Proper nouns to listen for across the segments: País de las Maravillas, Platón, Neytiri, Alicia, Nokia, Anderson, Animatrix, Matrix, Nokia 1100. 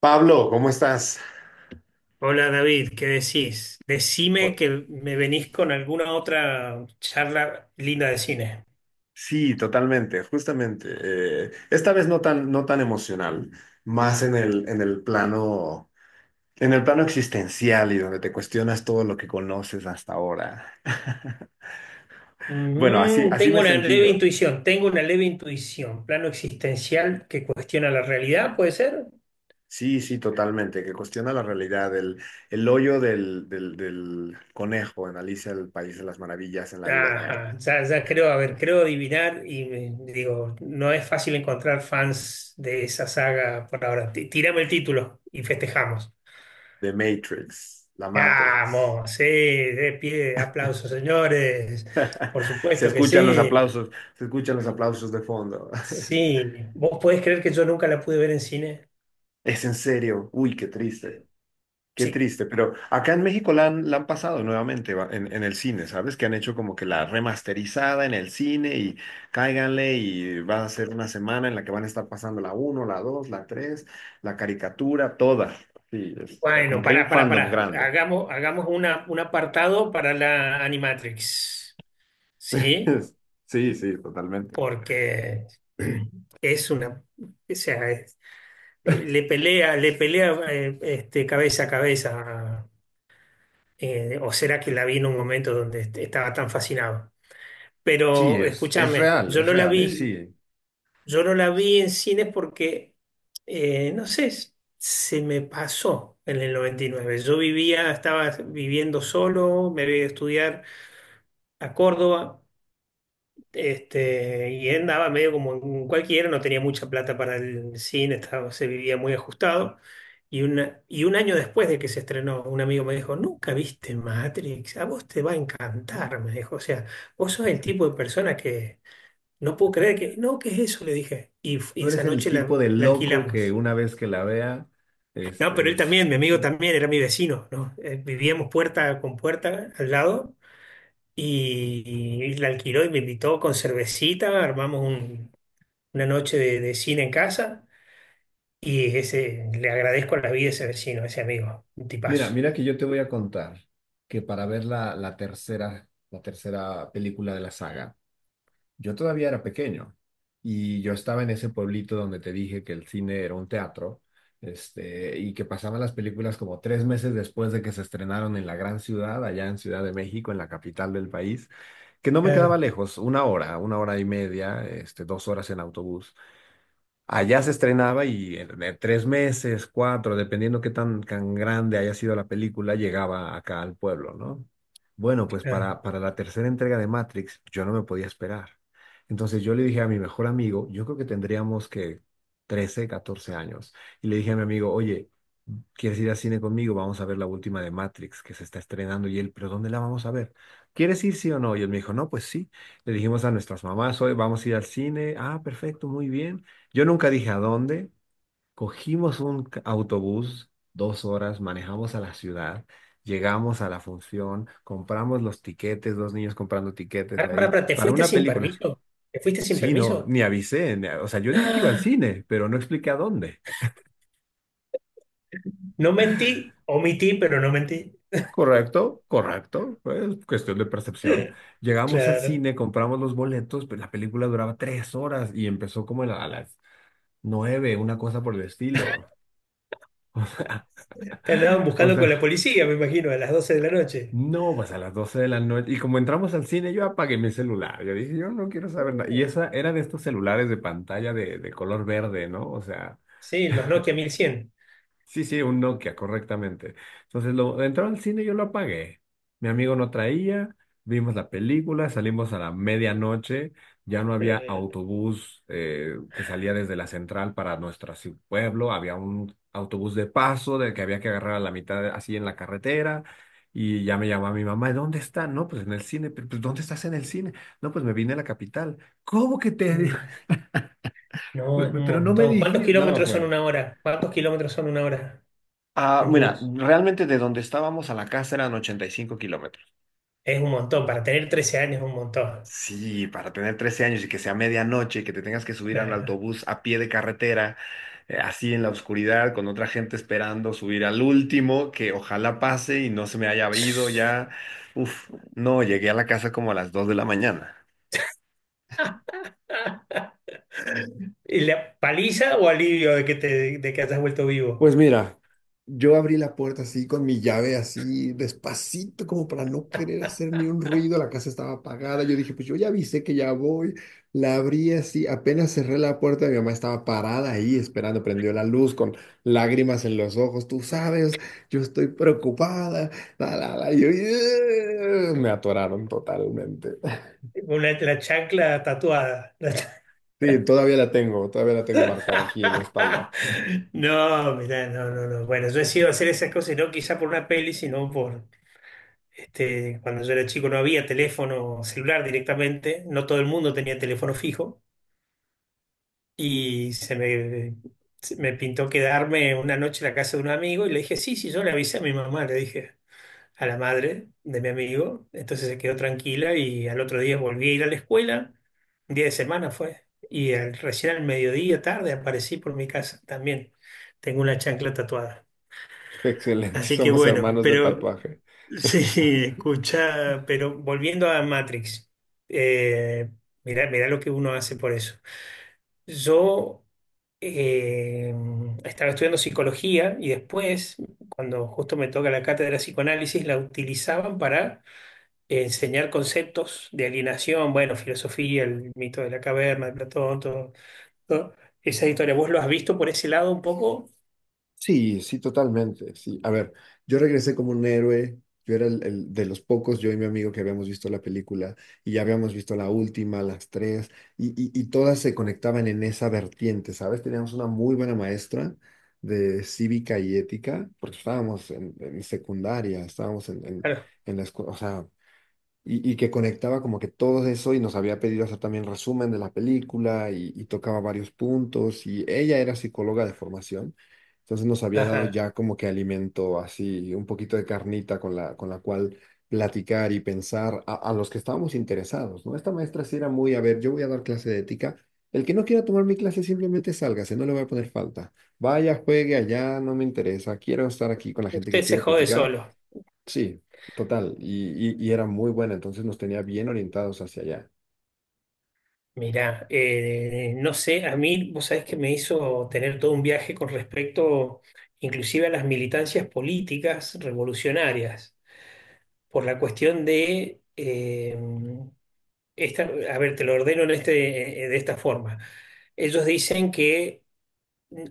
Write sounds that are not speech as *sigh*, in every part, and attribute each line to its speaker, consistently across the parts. Speaker 1: Pablo, ¿cómo estás?
Speaker 2: Hola David, ¿qué decís? Decime
Speaker 1: O-
Speaker 2: que me venís con alguna otra charla linda de cine.
Speaker 1: Sí, totalmente, justamente. Esta vez no tan, no tan emocional, más en el plano existencial y donde te cuestionas todo lo que conoces hasta ahora. *laughs* Bueno, así, así
Speaker 2: Tengo
Speaker 1: me
Speaker 2: una
Speaker 1: sentí
Speaker 2: leve
Speaker 1: yo.
Speaker 2: intuición, tengo una leve intuición. Plano existencial que cuestiona la realidad, ¿puede ser?
Speaker 1: Sí, sí, totalmente, que cuestiona la realidad, el hoyo del conejo en Alicia, el País de las Maravillas en la vida real,
Speaker 2: Ajá, ya, ya creo, a ver, creo adivinar y digo, no es fácil encontrar fans de esa saga por ahora. Tírame el título y festejamos.
Speaker 1: de Matrix, la Matrix.
Speaker 2: Vamos, sí, de pie, aplausos, señores. Por
Speaker 1: Se
Speaker 2: supuesto que
Speaker 1: escuchan los
Speaker 2: sí.
Speaker 1: aplausos, se escuchan los aplausos de fondo. *laughs*
Speaker 2: Sí, ¿vos podés creer que yo nunca la pude ver en cine?
Speaker 1: Es en serio, uy, qué
Speaker 2: Sí.
Speaker 1: triste, pero acá en México la han pasado nuevamente en el cine, ¿sabes? Que han hecho como que la remasterizada en el cine y cáiganle, y va a ser una semana en la que van a estar pasando la uno, la dos, la tres, la caricatura, toda. Sí, es como
Speaker 2: Bueno,
Speaker 1: que hay
Speaker 2: pará,
Speaker 1: un
Speaker 2: pará,
Speaker 1: fandom
Speaker 2: pará.
Speaker 1: grande.
Speaker 2: Hagamos, hagamos un apartado para la Animatrix. ¿Sí?
Speaker 1: *laughs* Sí, sí, totalmente.
Speaker 2: Porque *clears throat* es una. O sea, le pelea, le pelea, cabeza a cabeza. O será que la vi en un momento donde estaba tan fascinado.
Speaker 1: Sí,
Speaker 2: Pero
Speaker 1: es
Speaker 2: escúchame,
Speaker 1: real,
Speaker 2: yo
Speaker 1: es
Speaker 2: no la
Speaker 1: real, es
Speaker 2: vi.
Speaker 1: sí.
Speaker 2: Yo no la vi en cines porque, no sé, se me pasó en el 99. Yo vivía, estaba viviendo solo, me había ido a estudiar a Córdoba, y andaba medio como en cualquiera, no tenía mucha plata para el cine, estaba, se vivía muy ajustado. Y un año después de que se estrenó, un amigo me dijo, ¿nunca viste Matrix? A vos te va a encantar, me dijo. O sea, vos sos el tipo de persona que... No puedo creer que, no, ¿qué es eso? Le dije. Y
Speaker 1: Tú
Speaker 2: esa
Speaker 1: eres el
Speaker 2: noche
Speaker 1: tipo de
Speaker 2: la
Speaker 1: loco que
Speaker 2: alquilamos.
Speaker 1: una vez que la vea,
Speaker 2: No, pero
Speaker 1: este,
Speaker 2: él
Speaker 1: es-
Speaker 2: también, mi amigo
Speaker 1: *laughs*
Speaker 2: también, era mi vecino, ¿no? Vivíamos puerta con puerta al lado y, y la alquiló y me invitó con cervecita, una noche de cine en casa y ese, le agradezco la vida a ese vecino, a ese amigo, un
Speaker 1: Mira,
Speaker 2: tipazo.
Speaker 1: mira que yo te voy a contar que para ver la tercera película de la saga, yo todavía era pequeño y yo estaba en ese pueblito donde te dije que el cine era un teatro, y que pasaban las películas como 3 meses después de que se estrenaron en la gran ciudad, allá en Ciudad de México, en la capital del país, que no me quedaba
Speaker 2: Claro,
Speaker 1: lejos, una hora y media, dos horas en autobús. Allá se estrenaba y en 3 meses, cuatro, dependiendo qué tan, tan grande haya sido la película, llegaba acá al pueblo, ¿no? Bueno, pues
Speaker 2: claro.
Speaker 1: para la tercera entrega de Matrix yo no me podía esperar. Entonces yo le dije a mi mejor amigo, yo creo que tendríamos que 13, 14 años, y le dije a mi amigo, oye, ¿quieres ir al cine conmigo? Vamos a ver la última de Matrix que se está estrenando. Y él, ¿pero dónde la vamos a ver? ¿Quieres ir sí o no? Y él me dijo, no, pues sí. Le dijimos a nuestras mamás, hoy vamos a ir al cine. Ah, perfecto, muy bien. Yo nunca dije a dónde. Cogimos un autobús, 2 horas, manejamos a la ciudad, llegamos a la función, compramos los tiquetes, dos niños comprando tiquetes
Speaker 2: Pará, pará,
Speaker 1: ahí
Speaker 2: pará, ¿te
Speaker 1: para
Speaker 2: fuiste
Speaker 1: una
Speaker 2: sin
Speaker 1: película.
Speaker 2: permiso? ¿Te fuiste sin
Speaker 1: Sí, no,
Speaker 2: permiso?
Speaker 1: ni avisé. Ni a- O sea, yo dije que iba al
Speaker 2: *gasps*
Speaker 1: cine, pero no expliqué a dónde.
Speaker 2: No mentí, omití, pero no mentí.
Speaker 1: Correcto, correcto, pues cuestión de percepción.
Speaker 2: *laughs*
Speaker 1: Llegamos al
Speaker 2: Claro.
Speaker 1: cine, compramos los boletos, pero la película duraba 3 horas y empezó como a las 9, una cosa por el estilo. *laughs*
Speaker 2: Te andaban
Speaker 1: O
Speaker 2: buscando con la
Speaker 1: sea,
Speaker 2: policía, me imagino, a las doce de la noche.
Speaker 1: no, pues a las 12 de la noche. Y como entramos al cine, yo apagué mi celular. Yo dije, yo no quiero saber nada. Y
Speaker 2: Uh,
Speaker 1: esa era de estos celulares de pantalla de color verde, ¿no? O sea,
Speaker 2: Sí, los Nokia 1100.
Speaker 1: sí, sí, un Nokia, correctamente. Entonces, entró al cine, yo lo apagué. Mi amigo no traía, vimos la película, salimos a la medianoche, ya no había
Speaker 2: Eh,
Speaker 1: autobús que salía desde la central para nuestro así, pueblo, había un autobús de paso del que había que agarrar a la mitad así en la carretera. Y ya me llamaba mi mamá, ¿dónde está? No, pues en el cine. Pues, ¿dónde estás en el cine? No, pues me vine a la capital. ¿Cómo que te...?"
Speaker 2: mm, No, es un
Speaker 1: *laughs* Pero no me
Speaker 2: montón. ¿Cuántos
Speaker 1: dijiste. No,
Speaker 2: kilómetros son
Speaker 1: fue.
Speaker 2: una hora? ¿Cuántos kilómetros son una hora
Speaker 1: Ah,
Speaker 2: en
Speaker 1: mira,
Speaker 2: bus?
Speaker 1: realmente de donde estábamos a la casa eran 85 kilómetros.
Speaker 2: Es un montón. Para tener 13 años es un montón.
Speaker 1: Sí, para tener 13 años y que sea medianoche, y que te tengas que subir a un
Speaker 2: Nah.
Speaker 1: autobús a pie de carretera, así en la oscuridad, con otra gente esperando subir al último, que ojalá pase y no se me haya ido ya. Uf, no, llegué a la casa como a las 2 de la mañana.
Speaker 2: ¿Y la paliza o alivio de de que hayas vuelto vivo?
Speaker 1: Pues mira, yo abrí la puerta así con mi llave así despacito como para no querer hacer ni un ruido, la casa estaba apagada, yo dije, pues yo ya avisé que ya voy, la abrí así, apenas cerré la puerta, mi mamá estaba parada ahí esperando, prendió la luz con lágrimas en los ojos, tú sabes, yo estoy preocupada, la, y yo, "Ugh", me atoraron totalmente. *laughs*
Speaker 2: Una, la chancla tatuada.
Speaker 1: Sí, todavía la tengo
Speaker 2: *laughs*
Speaker 1: marcada aquí en la espalda.
Speaker 2: No, mirá, no, no, no. Bueno, yo he sido hacer esas cosas, y no quizá por una peli, sino por, cuando yo era chico no había teléfono celular directamente, no todo el mundo tenía teléfono fijo y se me pintó quedarme una noche en la casa de un amigo y le dije, sí, sí, yo le avisé a mi mamá, le dije a la madre de mi amigo, entonces se quedó tranquila y al otro día volví a ir a la escuela, un día de semana fue, y recién al mediodía tarde aparecí por mi casa también, tengo una chancla tatuada.
Speaker 1: Excelente,
Speaker 2: Así que
Speaker 1: somos
Speaker 2: bueno,
Speaker 1: hermanos de
Speaker 2: pero...
Speaker 1: tatuaje.
Speaker 2: Sí, escucha, pero volviendo a Matrix, eh, mirá, mirá lo que uno hace por eso. Yo eh, estaba estudiando psicología y después, cuando justo me toca la cátedra de psicoanálisis, la utilizaban para enseñar conceptos de alienación, bueno, filosofía, el mito de la caverna, de Platón, todo, todo. Esa historia, ¿vos lo has visto por ese lado un poco?
Speaker 1: Sí, sí, totalmente. Sí. A ver, yo regresé como un héroe. Yo era el de los pocos, yo y mi amigo, que habíamos visto la película y ya habíamos visto la última, las tres, y todas se conectaban en esa vertiente, ¿sabes? Teníamos una muy buena maestra de cívica y ética, porque estábamos en secundaria, estábamos en, en,
Speaker 2: Claro.
Speaker 1: en la escuela, o sea, y que conectaba como que todo eso y nos había pedido hacer también resumen de la película y tocaba varios puntos y ella era psicóloga de formación, entonces nos había dado
Speaker 2: Ajá.
Speaker 1: ya como que alimento así, un poquito de carnita con la cual platicar y pensar a los que estábamos interesados, ¿no? Esta maestra sí era muy, a ver, yo voy a dar clase de ética. El que no quiera tomar mi clase simplemente sálgase, no le voy a poner falta. Vaya, juegue allá, no me interesa. Quiero estar aquí con la gente
Speaker 2: Usted
Speaker 1: que
Speaker 2: se
Speaker 1: quiere
Speaker 2: jode
Speaker 1: platicar.
Speaker 2: solo.
Speaker 1: Sí, total. Y era muy buena, entonces nos tenía bien orientados hacia allá.
Speaker 2: Mirá, no sé, a mí vos sabés que me hizo tener todo un viaje con respecto inclusive a las militancias políticas revolucionarias, por la cuestión de, esta, a ver, te lo ordeno en de esta forma. Ellos dicen que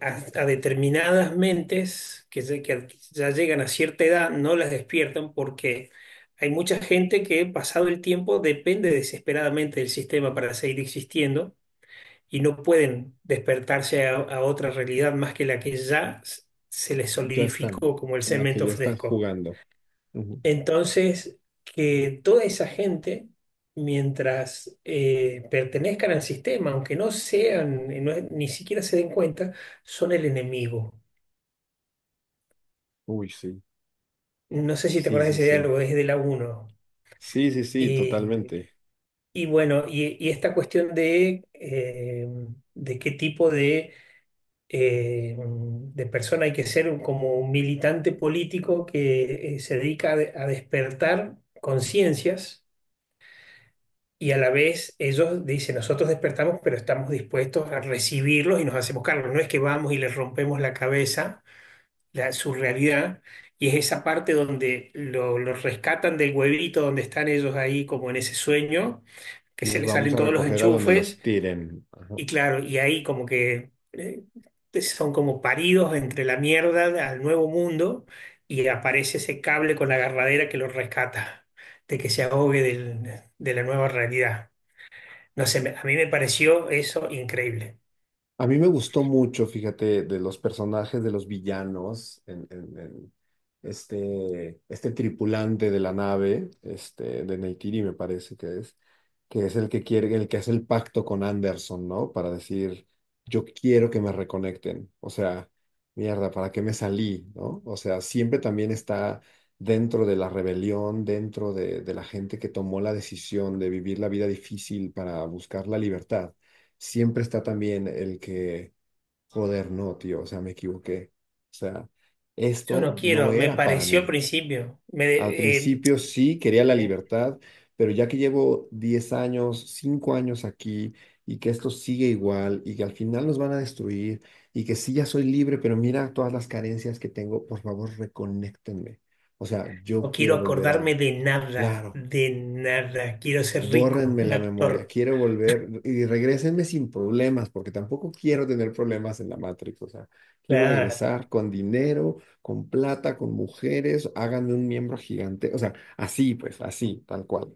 Speaker 2: a determinadas mentes que ya llegan a cierta edad no las despiertan porque hay mucha gente que pasado el tiempo depende desesperadamente del sistema para seguir existiendo y no pueden despertarse a otra realidad más que la que se les
Speaker 1: Ya están,
Speaker 2: solidificó como el
Speaker 1: en la que
Speaker 2: cemento
Speaker 1: ya están
Speaker 2: fresco.
Speaker 1: jugando. Ujú.
Speaker 2: Entonces, que toda esa gente, mientras pertenezcan al sistema, aunque no sean, ni siquiera se den cuenta, son el enemigo.
Speaker 1: Uy, sí.
Speaker 2: No sé si te
Speaker 1: Sí,
Speaker 2: acuerdas de
Speaker 1: sí,
Speaker 2: ese
Speaker 1: sí.
Speaker 2: diálogo, es de la uno.
Speaker 1: Sí, sí, sí,
Speaker 2: Eh,
Speaker 1: totalmente.
Speaker 2: y bueno, y esta cuestión de qué tipo de persona, hay que ser como un militante político que se dedica a despertar conciencias y a la vez ellos dicen, nosotros despertamos, pero estamos dispuestos a recibirlos y nos hacemos cargo. No es que vamos y les rompemos la cabeza, su realidad, y es esa parte donde los rescatan del huevito donde están ellos ahí como en ese sueño, que
Speaker 1: Y
Speaker 2: se
Speaker 1: los
Speaker 2: les
Speaker 1: vamos
Speaker 2: salen
Speaker 1: a
Speaker 2: todos los
Speaker 1: recoger a donde los
Speaker 2: enchufes
Speaker 1: tiren.
Speaker 2: y claro, y ahí como que son como paridos entre la mierda al nuevo mundo y aparece ese cable con la agarradera que lo rescata, de que se ahogue de la nueva realidad. No sé, a mí me pareció eso increíble.
Speaker 1: A mí me gustó mucho, fíjate, de los personajes de los villanos, en este tripulante de la nave, de Neytiri me parece que es el que quiere, el que hace el pacto con Anderson, ¿no? Para decir, yo quiero que me reconecten. O sea, mierda, ¿para qué me salí? ¿No? O sea, siempre también está dentro de la rebelión, dentro de la gente que tomó la decisión de vivir la vida difícil para buscar la libertad, siempre está también el que, joder, no, tío, o sea, me equivoqué. O sea,
Speaker 2: Yo no
Speaker 1: esto no
Speaker 2: quiero, me
Speaker 1: era para
Speaker 2: pareció al
Speaker 1: mí.
Speaker 2: principio,
Speaker 1: Al principio sí quería la
Speaker 2: eh,
Speaker 1: libertad, pero ya que llevo 10 años, 5 años aquí y que esto sigue igual y que al final nos van a destruir y que sí ya soy libre, pero mira todas las carencias que tengo, por favor, reconéctenme. O sea, yo
Speaker 2: no quiero
Speaker 1: quiero volver a,
Speaker 2: acordarme
Speaker 1: claro,
Speaker 2: de nada, quiero ser rico,
Speaker 1: bórrenme
Speaker 2: un
Speaker 1: la memoria,
Speaker 2: actor.
Speaker 1: quiero volver y regrésenme sin problemas, porque tampoco quiero tener problemas en la Matrix, o sea, quiero
Speaker 2: Claro.
Speaker 1: regresar con dinero, con plata, con mujeres, háganme un miembro gigante, o sea, así pues, así, tal cual.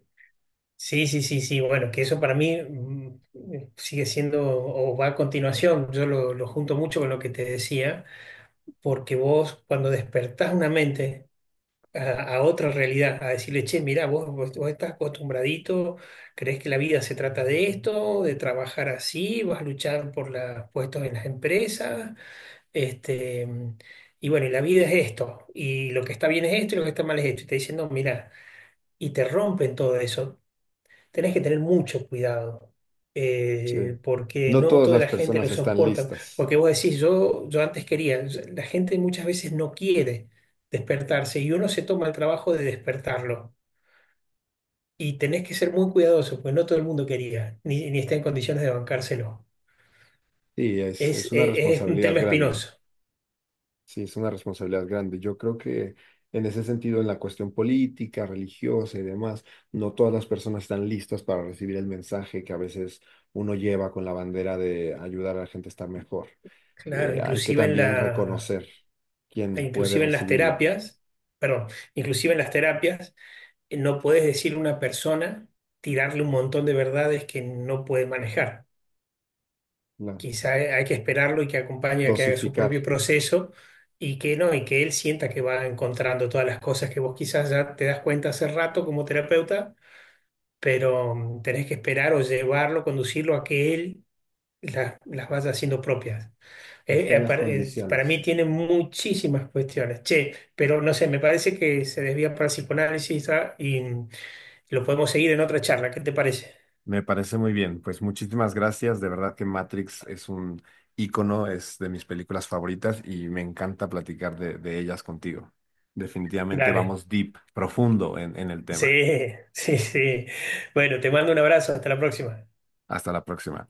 Speaker 2: Sí, sí, sí, sí. Bueno, que eso para mí sigue siendo o va a continuación. Yo lo junto mucho con lo que te decía, porque vos cuando despertás una mente a otra realidad, a decirle, che, mirá, vos estás acostumbradito, crees que la vida se trata de esto, de trabajar así, vas a luchar por los puestos en las empresas, este, mm, y bueno, y la vida es esto, y lo que está bien es esto, y lo que está mal es esto. Y te diciendo, mirá, y te rompen todo eso, tenés que tener mucho cuidado,
Speaker 1: Sí.
Speaker 2: porque
Speaker 1: No
Speaker 2: no
Speaker 1: todas
Speaker 2: toda
Speaker 1: las
Speaker 2: la gente lo
Speaker 1: personas están
Speaker 2: soporta.
Speaker 1: listas.
Speaker 2: Porque vos decís, yo antes quería, la gente muchas veces no quiere despertarse y uno se toma el trabajo de despertarlo. Y tenés que ser muy cuidadoso, porque no todo el mundo quería, ni, ni está en condiciones de bancárselo.
Speaker 1: Sí, es,
Speaker 2: Es,
Speaker 1: es una
Speaker 2: es un
Speaker 1: responsabilidad
Speaker 2: tema
Speaker 1: grande.
Speaker 2: espinoso.
Speaker 1: Sí, es una responsabilidad grande. Yo creo que en ese sentido, en la cuestión política, religiosa y demás, no todas las personas están listas para recibir el mensaje que a veces uno lleva con la bandera de ayudar a la gente a estar mejor.
Speaker 2: Claro,
Speaker 1: Hay que también reconocer quién puede
Speaker 2: inclusive en las
Speaker 1: recibirlo,
Speaker 2: terapias, perdón, inclusive en las terapias. No puedes decirle a una persona, tirarle un montón de verdades que no puede manejar.
Speaker 1: la-
Speaker 2: Quizá hay que esperarlo y que acompañe a que haga su
Speaker 1: dosificar,
Speaker 2: propio proceso y que no, y que él sienta que va encontrando todas las cosas que vos quizás ya te das cuenta hace rato como terapeuta, pero tenés que esperar o llevarlo, conducirlo a que él las vaya haciendo propias.
Speaker 1: estén las
Speaker 2: Para
Speaker 1: condiciones.
Speaker 2: mí tiene muchísimas cuestiones. Che, pero no sé, me parece que se desvía para el psicoanálisis y lo podemos seguir en otra charla, ¿qué te parece?
Speaker 1: Me parece muy bien. Pues muchísimas gracias. De verdad que Matrix es un ícono, es de mis películas favoritas y me encanta platicar de ellas contigo. Definitivamente
Speaker 2: Dale.
Speaker 1: vamos deep, profundo en el tema.
Speaker 2: Sí, *laughs* sí, sí. Bueno, te mando un abrazo, hasta la próxima.
Speaker 1: Hasta la próxima.